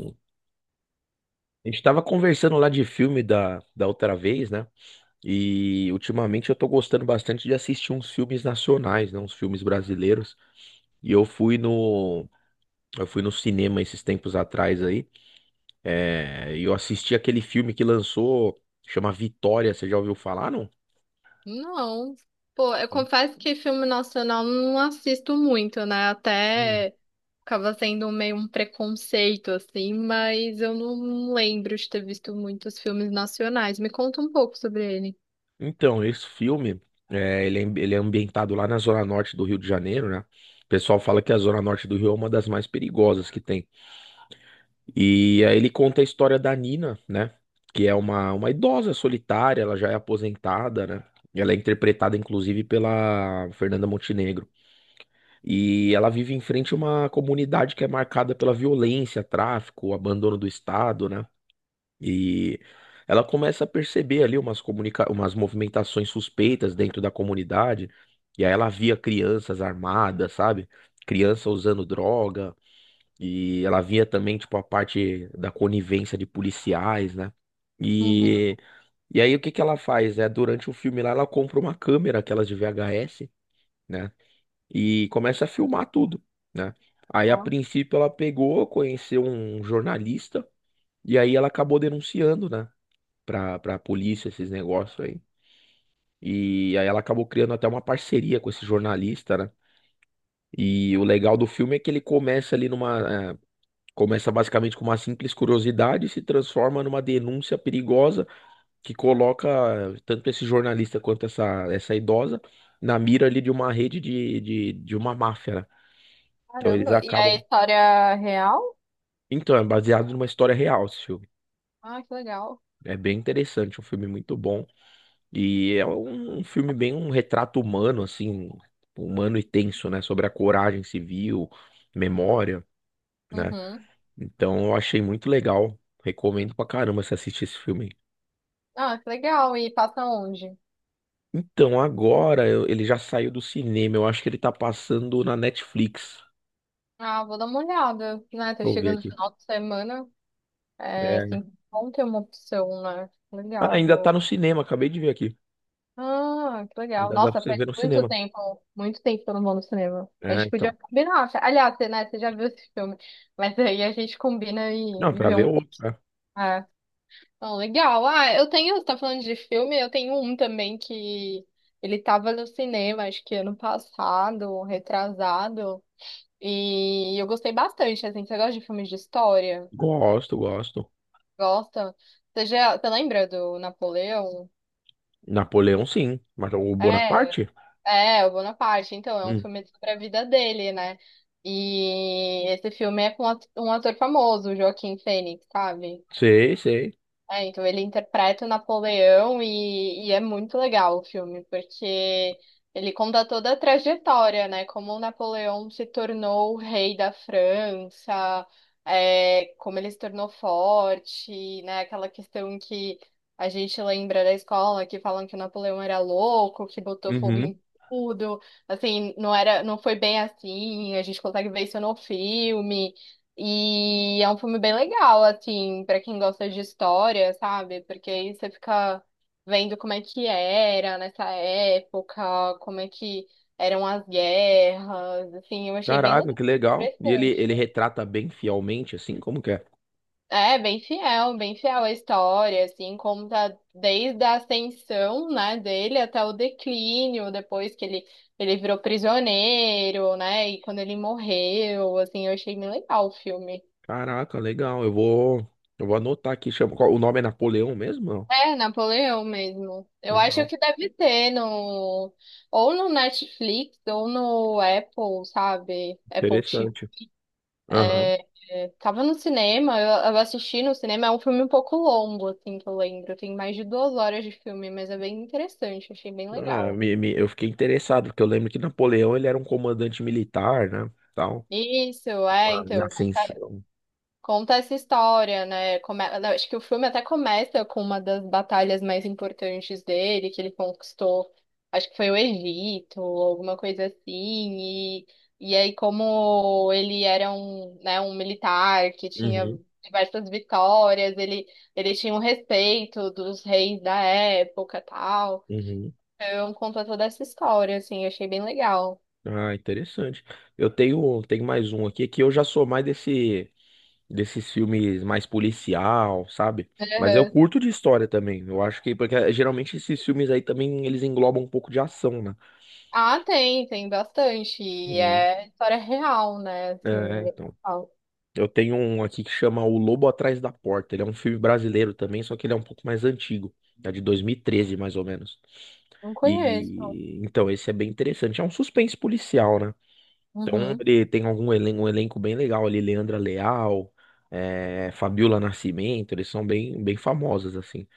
A gente tava conversando lá de filme da outra vez, né? E ultimamente eu tô gostando bastante de assistir uns filmes nacionais, né? Uns filmes brasileiros. E eu fui no cinema esses tempos atrás aí. E eu assisti aquele filme que lançou, chama Vitória. Você já ouviu falar, não? Não. Pô, eu confesso que filme nacional não assisto muito, né? Hum. Até acaba sendo meio um preconceito, assim, mas eu não lembro de ter visto muitos filmes nacionais. Me conta um pouco sobre ele. Então, esse filme, ele é ambientado lá na Zona Norte do Rio de Janeiro, né? O pessoal fala que a Zona Norte do Rio é uma das mais perigosas que tem. E aí ele conta a história da Nina, né? Que é uma idosa solitária, ela já é aposentada, né? Ela é interpretada, inclusive, pela Fernanda Montenegro. E ela vive em frente a uma comunidade que é marcada pela violência, tráfico, abandono do Estado, né? E Ela começa a perceber ali umas, comunica umas movimentações suspeitas dentro da comunidade. E aí ela via crianças armadas, sabe? Criança usando droga. E ela via também, tipo, a parte da conivência de policiais, né? Uhum. E, e aí o que que ela faz? É, durante o filme lá, ela compra uma câmera, aquelas de VHS, né? E começa a filmar tudo, né? Aí, a Ó, princípio, ela pegou, conheceu um jornalista, e aí ela acabou denunciando, né? Pra polícia esses negócios aí. E aí ela acabou criando até uma parceria com esse jornalista, né? E o legal do filme é que ele começa ali numa. É, Começa basicamente com uma simples curiosidade e se transforma numa denúncia perigosa que coloca tanto esse jornalista quanto essa idosa na mira ali de uma rede de uma máfia, né? Então eles caramba. E a acabam. história real? Então, é baseado numa história real esse filme. Ah, que legal. É bem interessante, um filme muito bom. E é um filme bem um retrato humano, assim, um humano e tenso, né? Sobre a coragem civil, memória, né? Uhum. Então eu achei muito legal. Recomendo pra caramba você assistir esse filme. Ah, que legal. E passa onde? Então, ele já saiu do cinema. Eu acho que ele tá passando na Netflix. Ah, vou dar uma olhada, né? Tá Deixa eu ver chegando no aqui. final de semana. É, É. assim, bom ter uma opção, né? Ah, Legal. ainda tá Vou no cinema, acabei de ver aqui. ah, que legal. Ainda dá pra Nossa, você faz ver no muito cinema. tempo, muito tempo que eu não vou no cinema. A É, gente podia então. combinar. Aliás, você, né, você já viu esse filme. Mas aí a gente combina Não, e pra vê ver um. outro, né? Ah, então, legal. Ah, eu tenho, você tá falando de filme, eu tenho um também que ele tava no cinema, acho que ano passado, retrasado. E eu gostei bastante, assim. Você gosta de filmes de história? Gosto, gosto. Gosta? Você já, você lembra do Napoleão? Napoleão, sim. Mas o É. Bonaparte? É, o Bonaparte, então, é um Hum, filme sobre a vida dele, né? E esse filme é com um ator famoso, o Joaquim Fênix, sabe? sei, sei. É, então ele interpreta o Napoleão e é muito legal o filme, porque ele conta toda a trajetória, né? Como o Napoleão se tornou o rei da França, é, como ele se tornou forte, né? Aquela questão que a gente lembra da escola, que falam que o Napoleão era louco, que botou fogo Uhum. em tudo. Assim, não foi bem assim, a gente consegue ver isso no filme. E é um filme bem legal, assim, pra quem gosta de história, sabe? Porque aí você fica vendo como é que era nessa época, como é que eram as guerras, assim, eu achei bem Caraca, legal, que legal. E ele, interessante. ele retrata bem fielmente, assim, como que é? É, bem fiel à história, assim, conta desde a ascensão, né, dele até o declínio, depois que ele virou prisioneiro, né, e quando ele morreu, assim, eu achei bem legal o filme. Caraca, legal. Eu vou anotar aqui. O nome é Napoleão mesmo? Não. É, Napoleão mesmo. Eu acho Legal. que deve ter no ou no Netflix ou no Apple, sabe? Apple Interessante. TV. Aham. Tava no cinema, eu assisti no cinema, é um filme um pouco longo, assim, que eu lembro. Tem mais de 2 horas de filme, mas é bem interessante, achei bem Ah, legal. Eu fiquei interessado, porque eu lembro que Napoleão ele era um comandante militar, né? Tal, Isso, é, na então. ascensão. Conta essa história, né? Eu acho que o filme até começa com uma das batalhas mais importantes dele, que ele conquistou, acho que foi o Egito, alguma coisa assim. E, e aí, como ele era um, né, um militar que tinha Uhum, diversas vitórias, ele tinha um respeito dos reis da época, tal. uhum. Eu conto toda essa história, assim, achei bem legal. Ah, interessante. Eu tenho, tenho mais um aqui que eu já sou mais desse, desses filmes mais policial, sabe? Mas eu curto de história também. Eu acho que, porque geralmente esses filmes aí também eles englobam um pouco de ação, né? Ah, tem, tem bastante. E Uhum. é história real, né? Assim, É, então. real. Eu tenho um aqui que chama O Lobo Atrás da Porta. Ele é um filme brasileiro também, só que ele é um pouco mais antigo. É de 2013 mais ou menos. Não conheço. E então esse é bem interessante. É um suspense policial, né? Então Uhum, ele tem algum elenco, um elenco bem legal ali, Leandra Leal, Fabiola Nascimento, eles são bem, bem famosos assim.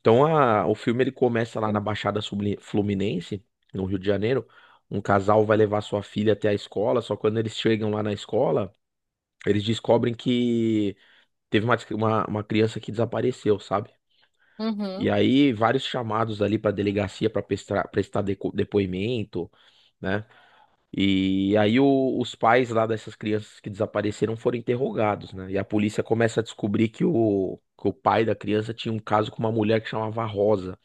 Então o filme ele começa lá na Fluminense, no Rio de Janeiro. Um casal vai levar sua filha até a escola, só quando eles chegam lá na escola, eles descobrem que teve uma criança que desapareceu, sabe? E uhum, aí, vários chamados ali para delegacia para depoimento, né? E aí, os pais lá dessas crianças que desapareceram foram interrogados, né? E a polícia começa a descobrir que o pai da criança tinha um caso com uma mulher que chamava Rosa,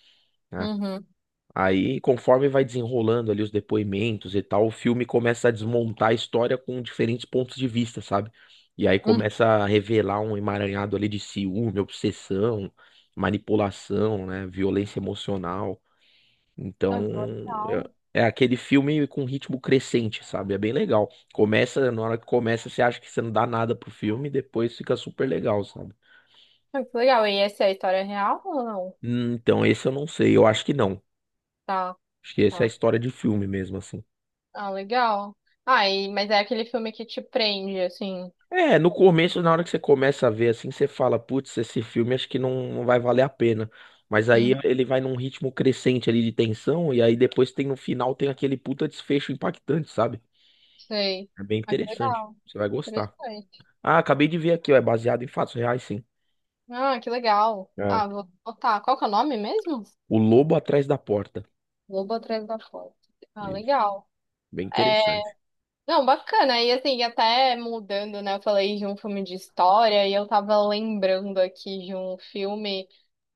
né? uhum, Aí, conforme vai desenrolando ali os depoimentos e tal, o filme começa a desmontar a história com diferentes pontos de vista, sabe? E aí uhum. começa a revelar um emaranhado ali de ciúme, obsessão, manipulação, né? Violência emocional. Então, Ah, que legal. É aquele filme com ritmo crescente, sabe? É bem legal. Começa, na hora que começa, você acha que você não dá nada pro filme, depois fica super legal, sabe? Ah, que legal. E essa é a história real ou não? Então, esse eu não sei, eu acho que não. Tá, Acho que essa é a tá. história de filme mesmo, assim. Ah, legal. Ah, e, mas é aquele filme que te prende, assim. É, no começo, na hora que você começa a ver assim, você fala, putz, esse filme acho que não, não vai valer a pena. Mas aí Uhum, ele vai num ritmo crescente ali de tensão, e aí depois tem no final tem aquele puta desfecho impactante, sabe? sei. É bem Ah, que interessante. legal. Você vai gostar. Interessante. Ah, acabei de ver aqui, ó, é baseado em fatos reais, sim. Ah, que legal. É. Ah, vou botar. Qual que é o nome mesmo? O Lobo Atrás da Porta. Lobo Atrás da Porta. Ah, legal. Bem É, interessante. não, bacana. E assim, até mudando, né? Eu falei de um filme de história e eu tava lembrando aqui de um filme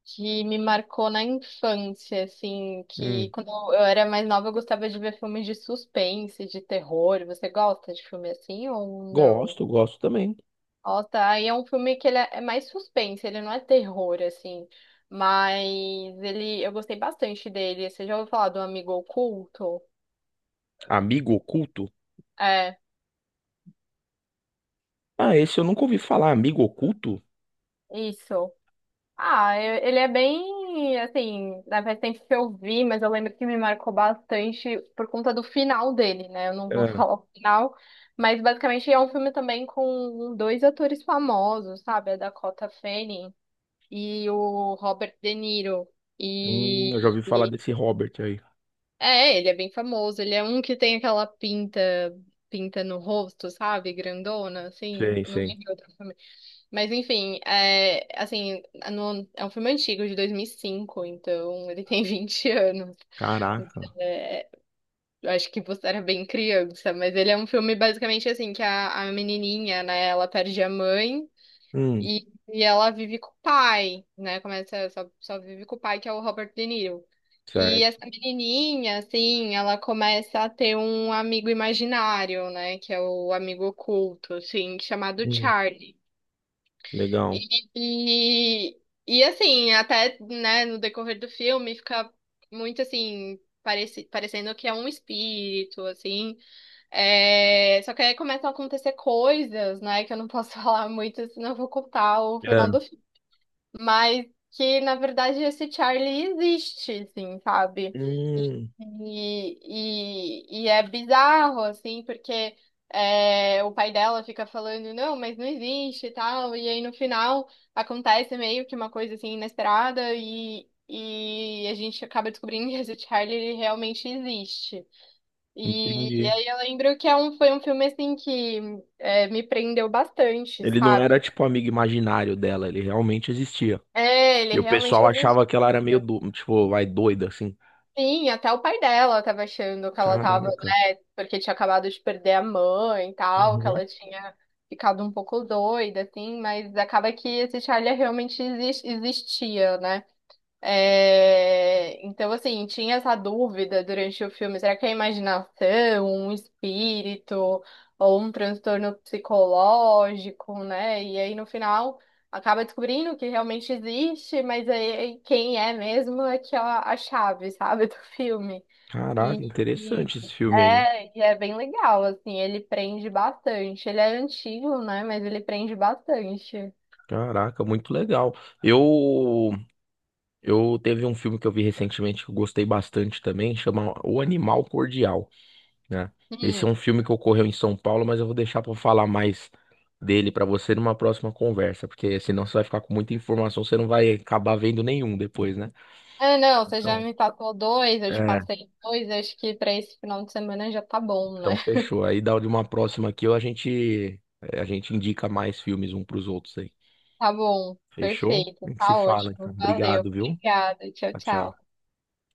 que me marcou na infância, assim, que Hum, quando eu era mais nova eu gostava de ver filmes de suspense, de terror. Você gosta de filme assim ou gosto, não? gosto também. Ó, tá. E é um filme que ele é mais suspense, ele não é terror, assim. Mas ele, eu gostei bastante dele. Você já ouviu falar do Amigo Oculto? Amigo Oculto? É, Ah, esse eu nunca ouvi falar. Amigo Oculto? isso. Ah, ele é bem, assim, né, faz tempo que eu vi, mas eu lembro que me marcou bastante por conta do final dele, né? Eu não vou É. falar o final, mas basicamente é um filme também com dois atores famosos, sabe? A Dakota Fanning e o Robert De Niro. E, eu já ouvi falar desse Robert aí. é, ele é bem famoso. Ele é um que tem aquela pinta no rosto, sabe? Grandona, assim. Sei, Eu não sei. lembro outro filme. Mas enfim, é, assim, é um filme antigo, de 2005, então ele tem 20 anos. Caraca. É, eu acho que você era bem criança, mas ele é um filme basicamente assim, que a menininha, né, ela perde a mãe Hum, e ela vive com o pai, né? Começa, só vive com o pai, que é o Robert De Niro. E essa certo. menininha, assim, ela começa a ter um amigo imaginário, né? Que é o amigo oculto, assim, chamado Hum, Charlie. legal. E, e, assim, até, né, no decorrer do filme, fica muito, assim, parecendo que é um espírito, assim. É, só que aí começam a acontecer coisas, né, que eu não posso falar muito, senão eu vou contar o É. final do mas que na verdade esse Charlie existe, assim, sabe? Hum, E, e é bizarro, assim, porque é, o pai dela fica falando, não, mas não existe e tal, e aí no final acontece meio que uma coisa assim inesperada e. E a gente acaba descobrindo que esse Charlie ele realmente existe. E entendi. aí eu lembro que é foi um filme assim que é, me prendeu bastante, Ele não sabe? era tipo amigo imaginário dela, ele realmente existia. É, ele E o realmente pessoal existe. achava que ela era meio do, tipo, vai doida assim. Sim, até o pai dela tava achando que ela tava, Caraca. né, porque tinha acabado de perder a mãe e tal, que Uhum. ela tinha ficado um pouco doida, assim, mas acaba que esse Charlie realmente existia, né? É, então, assim, tinha essa dúvida durante o filme: será que é imaginação, um espírito ou um transtorno psicológico, né? E aí, no final, acaba descobrindo que realmente existe, mas aí quem é mesmo é que é a chave, sabe, do filme. E, Caraca, e- interessante esse filme aí. E é bem legal, assim, ele prende bastante. Ele é antigo, né? Mas ele prende bastante. Caraca, muito legal. Eu eu teve um filme que eu vi recentemente que eu gostei bastante também, chama O Animal Cordial. Né? Esse é um filme que ocorreu em São Paulo, mas eu vou deixar pra falar mais dele pra você numa próxima conversa, porque senão você vai ficar com muita informação, você não vai acabar vendo nenhum depois, né? Ah, não, você já Então, me passou dois, eu te é, passei dois, acho que pra esse final de semana já tá bom, Então né? fechou. Aí dá de uma próxima aqui, a gente indica mais filmes um pros outros aí. Tá bom, Fechou? A perfeito, gente se tá fala, então. ótimo, valeu, Obrigado, viu? obrigada, tchau, Tchau, tchau. tchau.